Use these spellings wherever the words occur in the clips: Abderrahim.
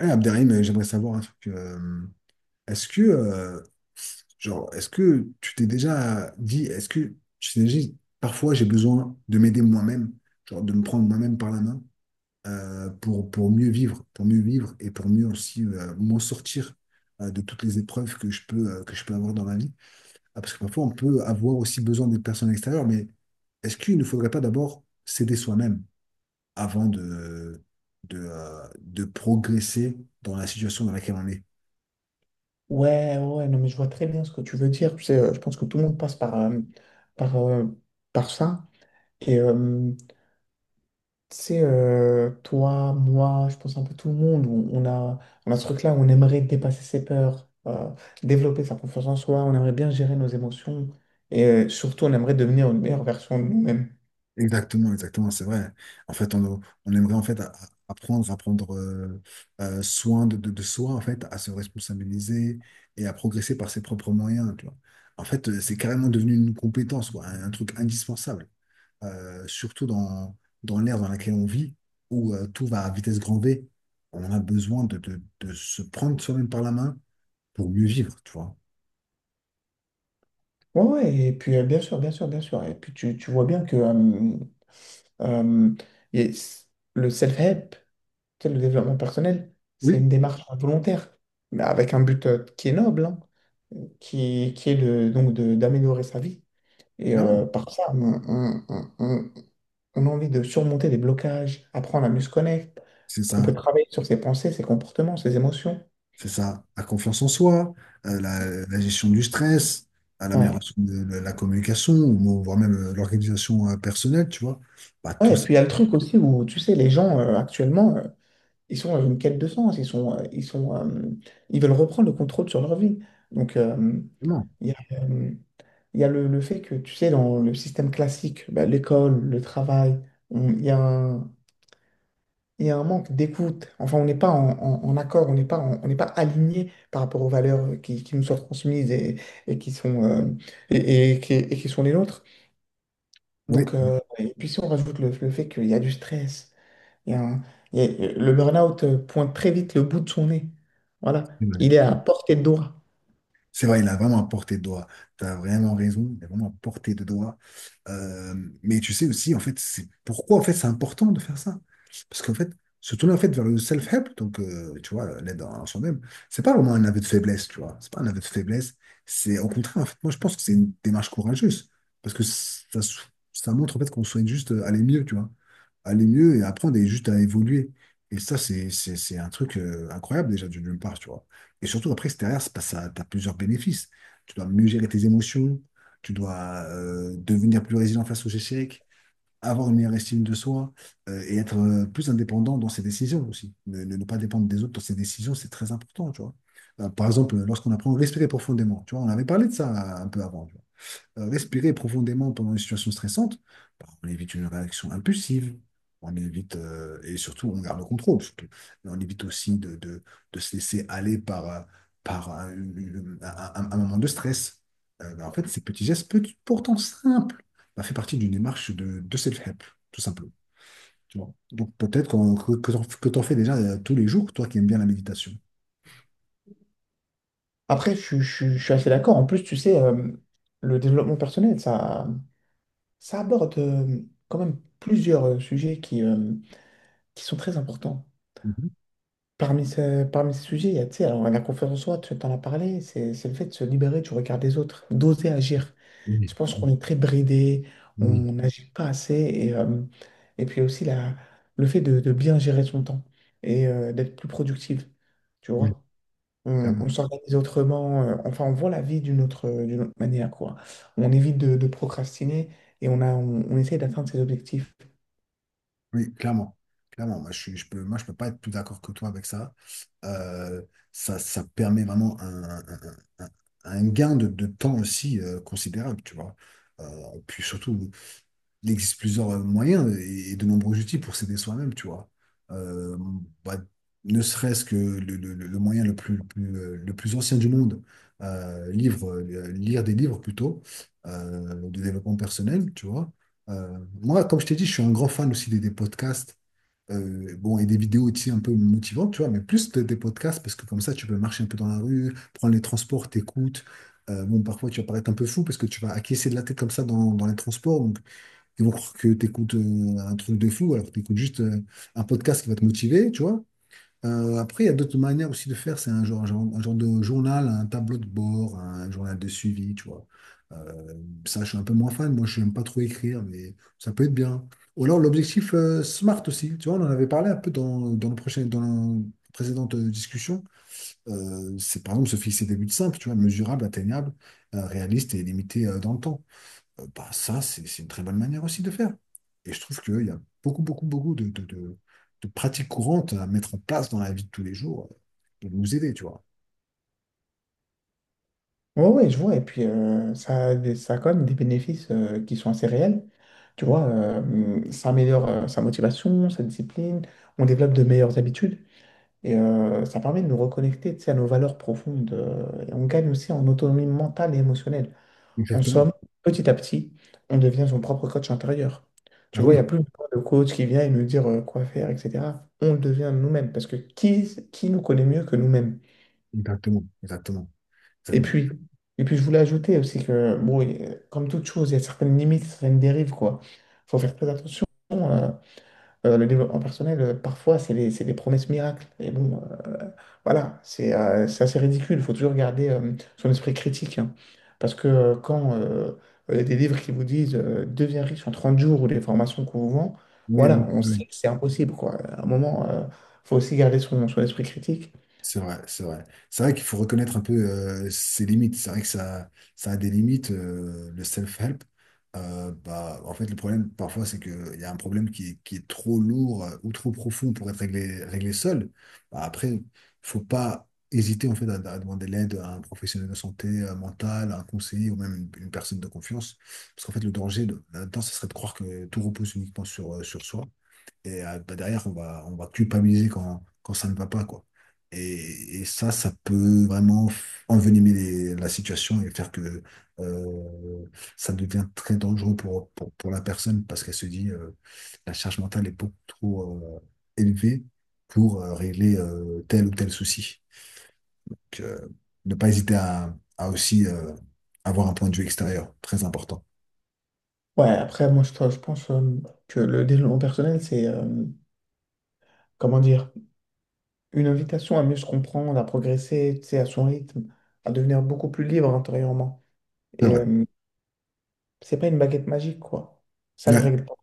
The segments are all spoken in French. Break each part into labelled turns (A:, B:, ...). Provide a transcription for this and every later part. A: Abderrahim, j'aimerais savoir un truc. Est-ce que, euh, est-ce que tu t'es déjà dit, parfois j'ai besoin de m'aider moi-même, genre de me prendre moi-même par la main pour mieux vivre et pour mieux aussi m'en sortir de toutes les épreuves que je peux avoir dans la vie. Ah, parce que parfois on peut avoir aussi besoin des personnes extérieures, mais est-ce qu'il ne faudrait pas d'abord s'aider soi-même avant de progresser dans la situation dans laquelle on est?
B: Ouais, non, mais je vois très bien ce que tu veux dire. Tu sais, je pense que tout le monde passe par, euh, par ça. Et euh, Tu sais, toi, moi, je pense un peu tout le monde, on a ce truc-là où on aimerait dépasser ses peurs, développer sa confiance en soi, on aimerait bien gérer nos émotions surtout, on aimerait devenir une meilleure version de nous-mêmes.
A: Exactement, exactement, c'est vrai. En fait, on, on aimerait en fait apprendre à prendre soin de soi, en fait, à se responsabiliser et à progresser par ses propres moyens, tu vois. En fait, c'est carrément devenu une compétence, quoi, un truc indispensable. Surtout dans l'ère dans laquelle on vit, où tout va à vitesse grand V. On a besoin de se prendre soi-même par la main pour mieux vivre, tu vois.
B: Ouais, ouais, et puis bien sûr, bien sûr, bien sûr. Et puis tu vois bien que euh, et s- le self-help. Tu sais, le développement personnel, c'est
A: Oui,
B: une démarche volontaire, mais avec un but, qui est noble, hein, qui est d'améliorer sa vie.
A: clairement,
B: Par ça, on a envie de surmonter des blocages, apprendre à mieux se connaître.
A: c'est
B: On peut
A: ça.
B: travailler sur ses pensées, ses comportements, ses émotions.
A: C'est ça. La confiance en soi, la gestion du stress, à
B: Ouais.
A: l'amélioration de la communication, ou voire même l'organisation personnelle, tu vois. Bah, tout
B: Ouais, et
A: ça,
B: puis il y a le truc aussi où, tu sais, les gens, actuellement, ils sont dans une quête de sens. Ils veulent reprendre le contrôle sur leur vie. Donc,
A: vraiment.
B: il y a, euh, il y a le fait que, tu sais, dans le système classique, bah, l'école, le travail, on- il y a un, il y a un manque d'écoute. Enfin, on n'est pas en accord, on n'est pas aligné par rapport aux valeurs qui nous sont transmises et qui sont, euh, et qui sont les nôtres. Donc,
A: Oui.
B: et puis si on rajoute le fait qu'il y a du stress, il y a un- il y a- le burn-out, pointe très vite le bout de son nez. Voilà, il est à portée de doigt.
A: C'est vrai, il a vraiment à portée de doigt. Tu as vraiment raison, il a vraiment à portée de doigt. Euh, mais tu sais aussi, en fait, c'est pourquoi en fait, c'est important de faire ça. Parce qu'en fait, se tourner en fait, vers le self-help, donc tu vois, l'aide en soi-même, c'est pas vraiment un aveu de faiblesse, tu vois. C'est pas un aveu de faiblesse. C'est au contraire, en fait, moi je pense que c'est une démarche courageuse. Parce que ça, ça montre en fait qu'on souhaite juste aller mieux, tu vois. Aller mieux et apprendre et juste à évoluer. Et ça, c'est un truc incroyable déjà d'une part, tu vois. Et surtout, après, c'est derrière, c'est parce que tu as plusieurs bénéfices. Tu dois mieux gérer tes émotions, tu dois devenir plus résilient face aux échecs, avoir une meilleure estime de soi et être plus indépendant dans ses décisions aussi. Ne pas dépendre des autres dans ses décisions, c'est très important, tu vois. Par exemple, lorsqu'on apprend à respirer profondément, tu vois, on avait parlé de ça un peu avant respirer profondément pendant une situation stressante, bah, on évite une réaction impulsive, on évite, et surtout, on garde le contrôle, surtout. Mais on évite aussi de se laisser aller par un moment de stress. Bah, en fait, ces petits gestes, pourtant simples, bah, fait partie d'une démarche de self-help, tout simplement. Tu vois. Donc peut-être que tu en fais déjà tous les jours, toi qui aimes bien la méditation.
B: Après, je suis assez d'accord. En plus, tu sais, le développement personnel, ça. Ça aborde, quand même plusieurs sujets qui sont très importants.
A: Mhm.
B: Parmi ces sujets, il y a, tu sais, alors, la confiance en soi, tu en as parlé, c'est le fait de se libérer du regard des autres, d'oser agir.
A: Oui,
B: Je pense
A: oui,
B: qu'on est très bridé, on
A: oui,
B: n'agit pas assez, et puis aussi le fait de bien gérer son temps d'être plus productif, tu
A: oui,
B: vois. On
A: clairement.
B: s'organise autrement, enfin, on voit la vie d'une autre manière, quoi. On évite de procrastiner et on a, on on essaie d'atteindre ses objectifs.
A: Oui, clairement. Clairement, moi je peux pas être plus d'accord que toi avec ça. Euh, Ça, ça permet vraiment un un gain de temps aussi considérable, tu vois. Euh, Puis surtout, il existe plusieurs moyens et de nombreux outils pour s'aider soi-même, tu vois. Euh, bah, Ne serait-ce que le moyen le plus, le plus ancien du monde, lire des livres plutôt, de développement personnel, tu vois. Moi, comme je t'ai dit, je suis un grand fan aussi des podcasts. Euh, bon, et des vidéos aussi un peu motivantes, tu vois, mais plus des podcasts, parce que comme ça, tu peux marcher un peu dans la rue, prendre les transports, t'écoutes. Bon, parfois, tu vas paraître un peu fou parce que tu vas acquiescer de la tête comme ça dans les transports. Ils vont croire que tu écoutes un truc de fou alors que tu écoutes juste un podcast qui va te motiver, tu vois. Après, il y a d'autres manières aussi de faire. C'est un genre, un genre de journal, un tableau de bord, un journal de suivi, tu vois. Euh, ça, je suis un peu moins fan. Moi, je n'aime pas trop écrire, mais ça peut être bien. Ou alors l'objectif SMART aussi. Tu vois, on en avait parlé un peu dans dans la précédente discussion. C'est par exemple se fixer des buts simples, tu vois, mesurables, atteignables, réalistes et limités dans le temps bah, ça, c'est une très bonne manière aussi de faire. Et je trouve qu'il y a beaucoup, beaucoup, beaucoup de de pratiques courantes à mettre en place dans la vie de tous les jours pour nous aider, tu vois.
B: Oui, ouais, ouais, je vois. Et puis, ça a quand même des bénéfices, qui sont assez réels. Tu vois, ça améliore sa motivation, sa discipline, on développe de meilleures habitudes ça permet de nous reconnecter, tu sais, à nos valeurs profondes. Et on gagne aussi en autonomie mentale et émotionnelle. En
A: Exactement.
B: somme, petit à petit, on devient son propre coach intérieur. Tu
A: Ah
B: vois, il n'y a
A: oui,
B: plus besoin de coach qui vient et nous dire quoi faire, etc. On le devient nous-mêmes parce que qui nous connaît mieux que nous-mêmes?
A: exactement, exactement,
B: Et
A: exactement.
B: puis, et puis, je voulais ajouter aussi que, bon, comme toute chose, il y a certaines limites, certaines dérives, quoi. Il faut faire très attention. euh, le développement personnel, parfois, c'est des promesses miracles. Et bon, euh, voilà, c'est assez ridicule. Il faut toujours garder son esprit critique, hein. Parce que quand il y a des livres qui vous disent deviens riche en 30 jours ou des formations qu'on vous vend,
A: Oui, oui,
B: voilà, on
A: oui.
B: sait
A: Oui.
B: que c'est impossible, quoi. À un moment, il faut aussi garder son esprit critique.
A: C'est vrai, c'est vrai. C'est vrai qu'il faut reconnaître un peu ses limites. C'est vrai que ça a des limites, le self-help. En fait, le problème, parfois, c'est qu'il y a un problème qui est trop lourd ou trop profond pour être réglé, réglé seul. Bah, après, il faut pas hésiter en fait, à demander l'aide à un professionnel de santé mentale, à un conseiller ou même une personne de confiance. Parce qu'en fait, le danger là-dedans, ce serait de croire que tout repose uniquement sur soi. Et bah, derrière, on va culpabiliser quand ça ne va pas, quoi. Et ça, ça peut vraiment envenimer la situation et faire que euh, ça devient très dangereux pour pour, la personne parce qu'elle se dit la charge mentale est beaucoup trop élevée pour régler tel ou tel souci. Donc, ne pas hésiter à aussi avoir un point de vue extérieur, très important.
B: Ouais, après, moi, je pense que le développement personnel, c'est, comment dire, une invitation à mieux se comprendre, à progresser, tu sais, à son rythme, à devenir beaucoup plus libre intérieurement.
A: C'est
B: Et
A: vrai.
B: euh, c'est pas une baguette magique, quoi. Ça ne
A: Ouais.
B: règle pas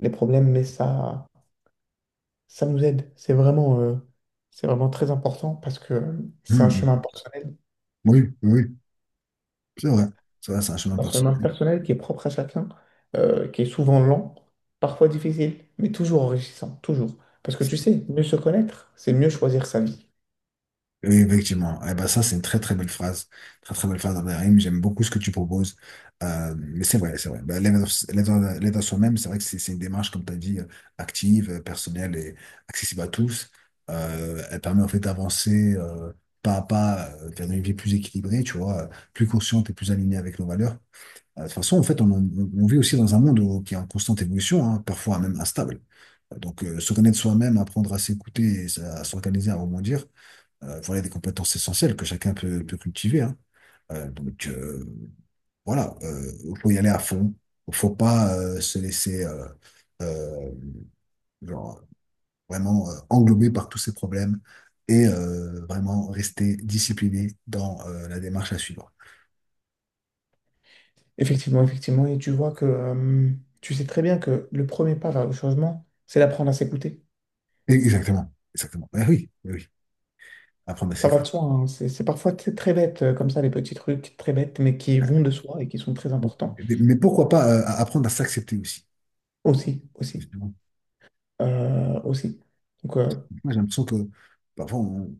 B: les problèmes, mais ça nous aide. C'est vraiment très important parce que c'est
A: Mhm. Oui, oui, c'est vrai. C'est vrai, c'est un chemin
B: un chemin
A: personnel.
B: personnel qui est propre à chacun, qui est souvent lent, parfois difficile, mais toujours enrichissant, toujours. Parce que tu sais, mieux se connaître, c'est mieux choisir sa vie.
A: Oui, effectivement. Eh ben, ça, c'est une très très belle phrase. Très très belle phrase d'Abderrahim. J'aime beaucoup ce que tu proposes. Mais c'est vrai, c'est vrai. Ben, l'aide à soi-même, c'est vrai que c'est une démarche, comme tu as dit, active, personnelle et accessible à tous. Elle permet en fait d'avancer pas à pas vers une vie plus équilibrée, tu vois, plus consciente et plus alignée avec nos valeurs. De toute façon, en fait, on vit aussi dans un monde qui est en constante évolution, hein, parfois même instable. Donc, se connaître soi-même, apprendre à s'écouter et à s'organiser, à rebondir voilà des compétences essentielles que chacun peut, peut cultiver. Hein. Donc voilà, il faut y aller à fond. Il faut pas se laisser euh, genre, vraiment englober par tous ces problèmes et vraiment rester discipliné dans la démarche à suivre.
B: Effectivement, effectivement. Et tu vois que tu sais très bien que le premier pas vers le changement, c'est d'apprendre à s'écouter.
A: Exactement, exactement. Oui, eh oui, apprendre à
B: Ça va de
A: s'écouter.
B: soi, hein. C'est parfois très bête, comme ça, les petits trucs très bêtes, mais qui vont de soi et qui sont très importants.
A: Mais mais pourquoi pas apprendre à s'accepter aussi?
B: Aussi, aussi,
A: Moi,
B: aussi. Donc,
A: j'ai l'impression que parfois on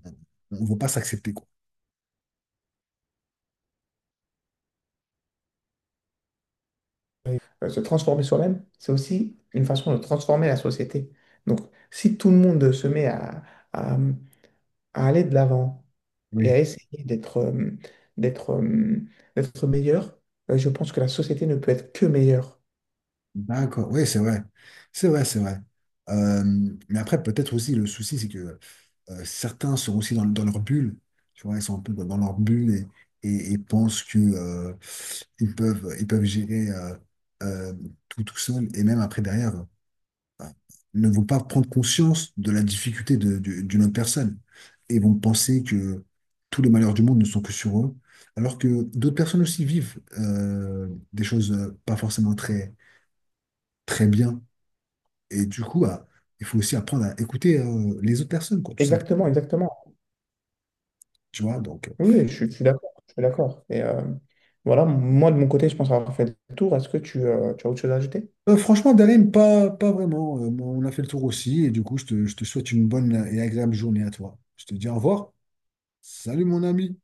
A: ne veut pas s'accepter, quoi.
B: se transformer soi-même, c'est aussi une façon de transformer la société. Donc, si tout le monde se met à- à aller de l'avant et
A: Oui.
B: à essayer d'être euh, d'être meilleur, je pense que la société ne peut être que meilleure.
A: D'accord, oui, c'est vrai. C'est vrai, c'est vrai. Euh, mais après, peut-être aussi, le souci, c'est que certains sont aussi dans leur bulle. Tu vois, ils sont un peu dans leur bulle et pensent que, ils peuvent gérer euh, tout tout seul. Et même après, derrière, euh, ne vont pas prendre conscience de la difficulté d'une autre personne. Et vont penser que tous les malheurs du monde ne sont que sur eux. Alors que d'autres personnes aussi vivent des choses pas forcément très, très bien. Et du coup, bah, il faut aussi apprendre à écouter les autres personnes, quoi, tout simplement.
B: Exactement, exactement.
A: Tu vois, donc,
B: Oui, oui, je suis d'accord. Je suis d'accord. Voilà, moi de mon côté, je pense avoir fait le tour. Est-ce que tu as autre chose à ajouter?
A: franchement, Darim, pas vraiment. On a fait le tour aussi. Et du coup, je te souhaite une bonne et agréable journée à toi. Je te dis au revoir. Salut, mon ami.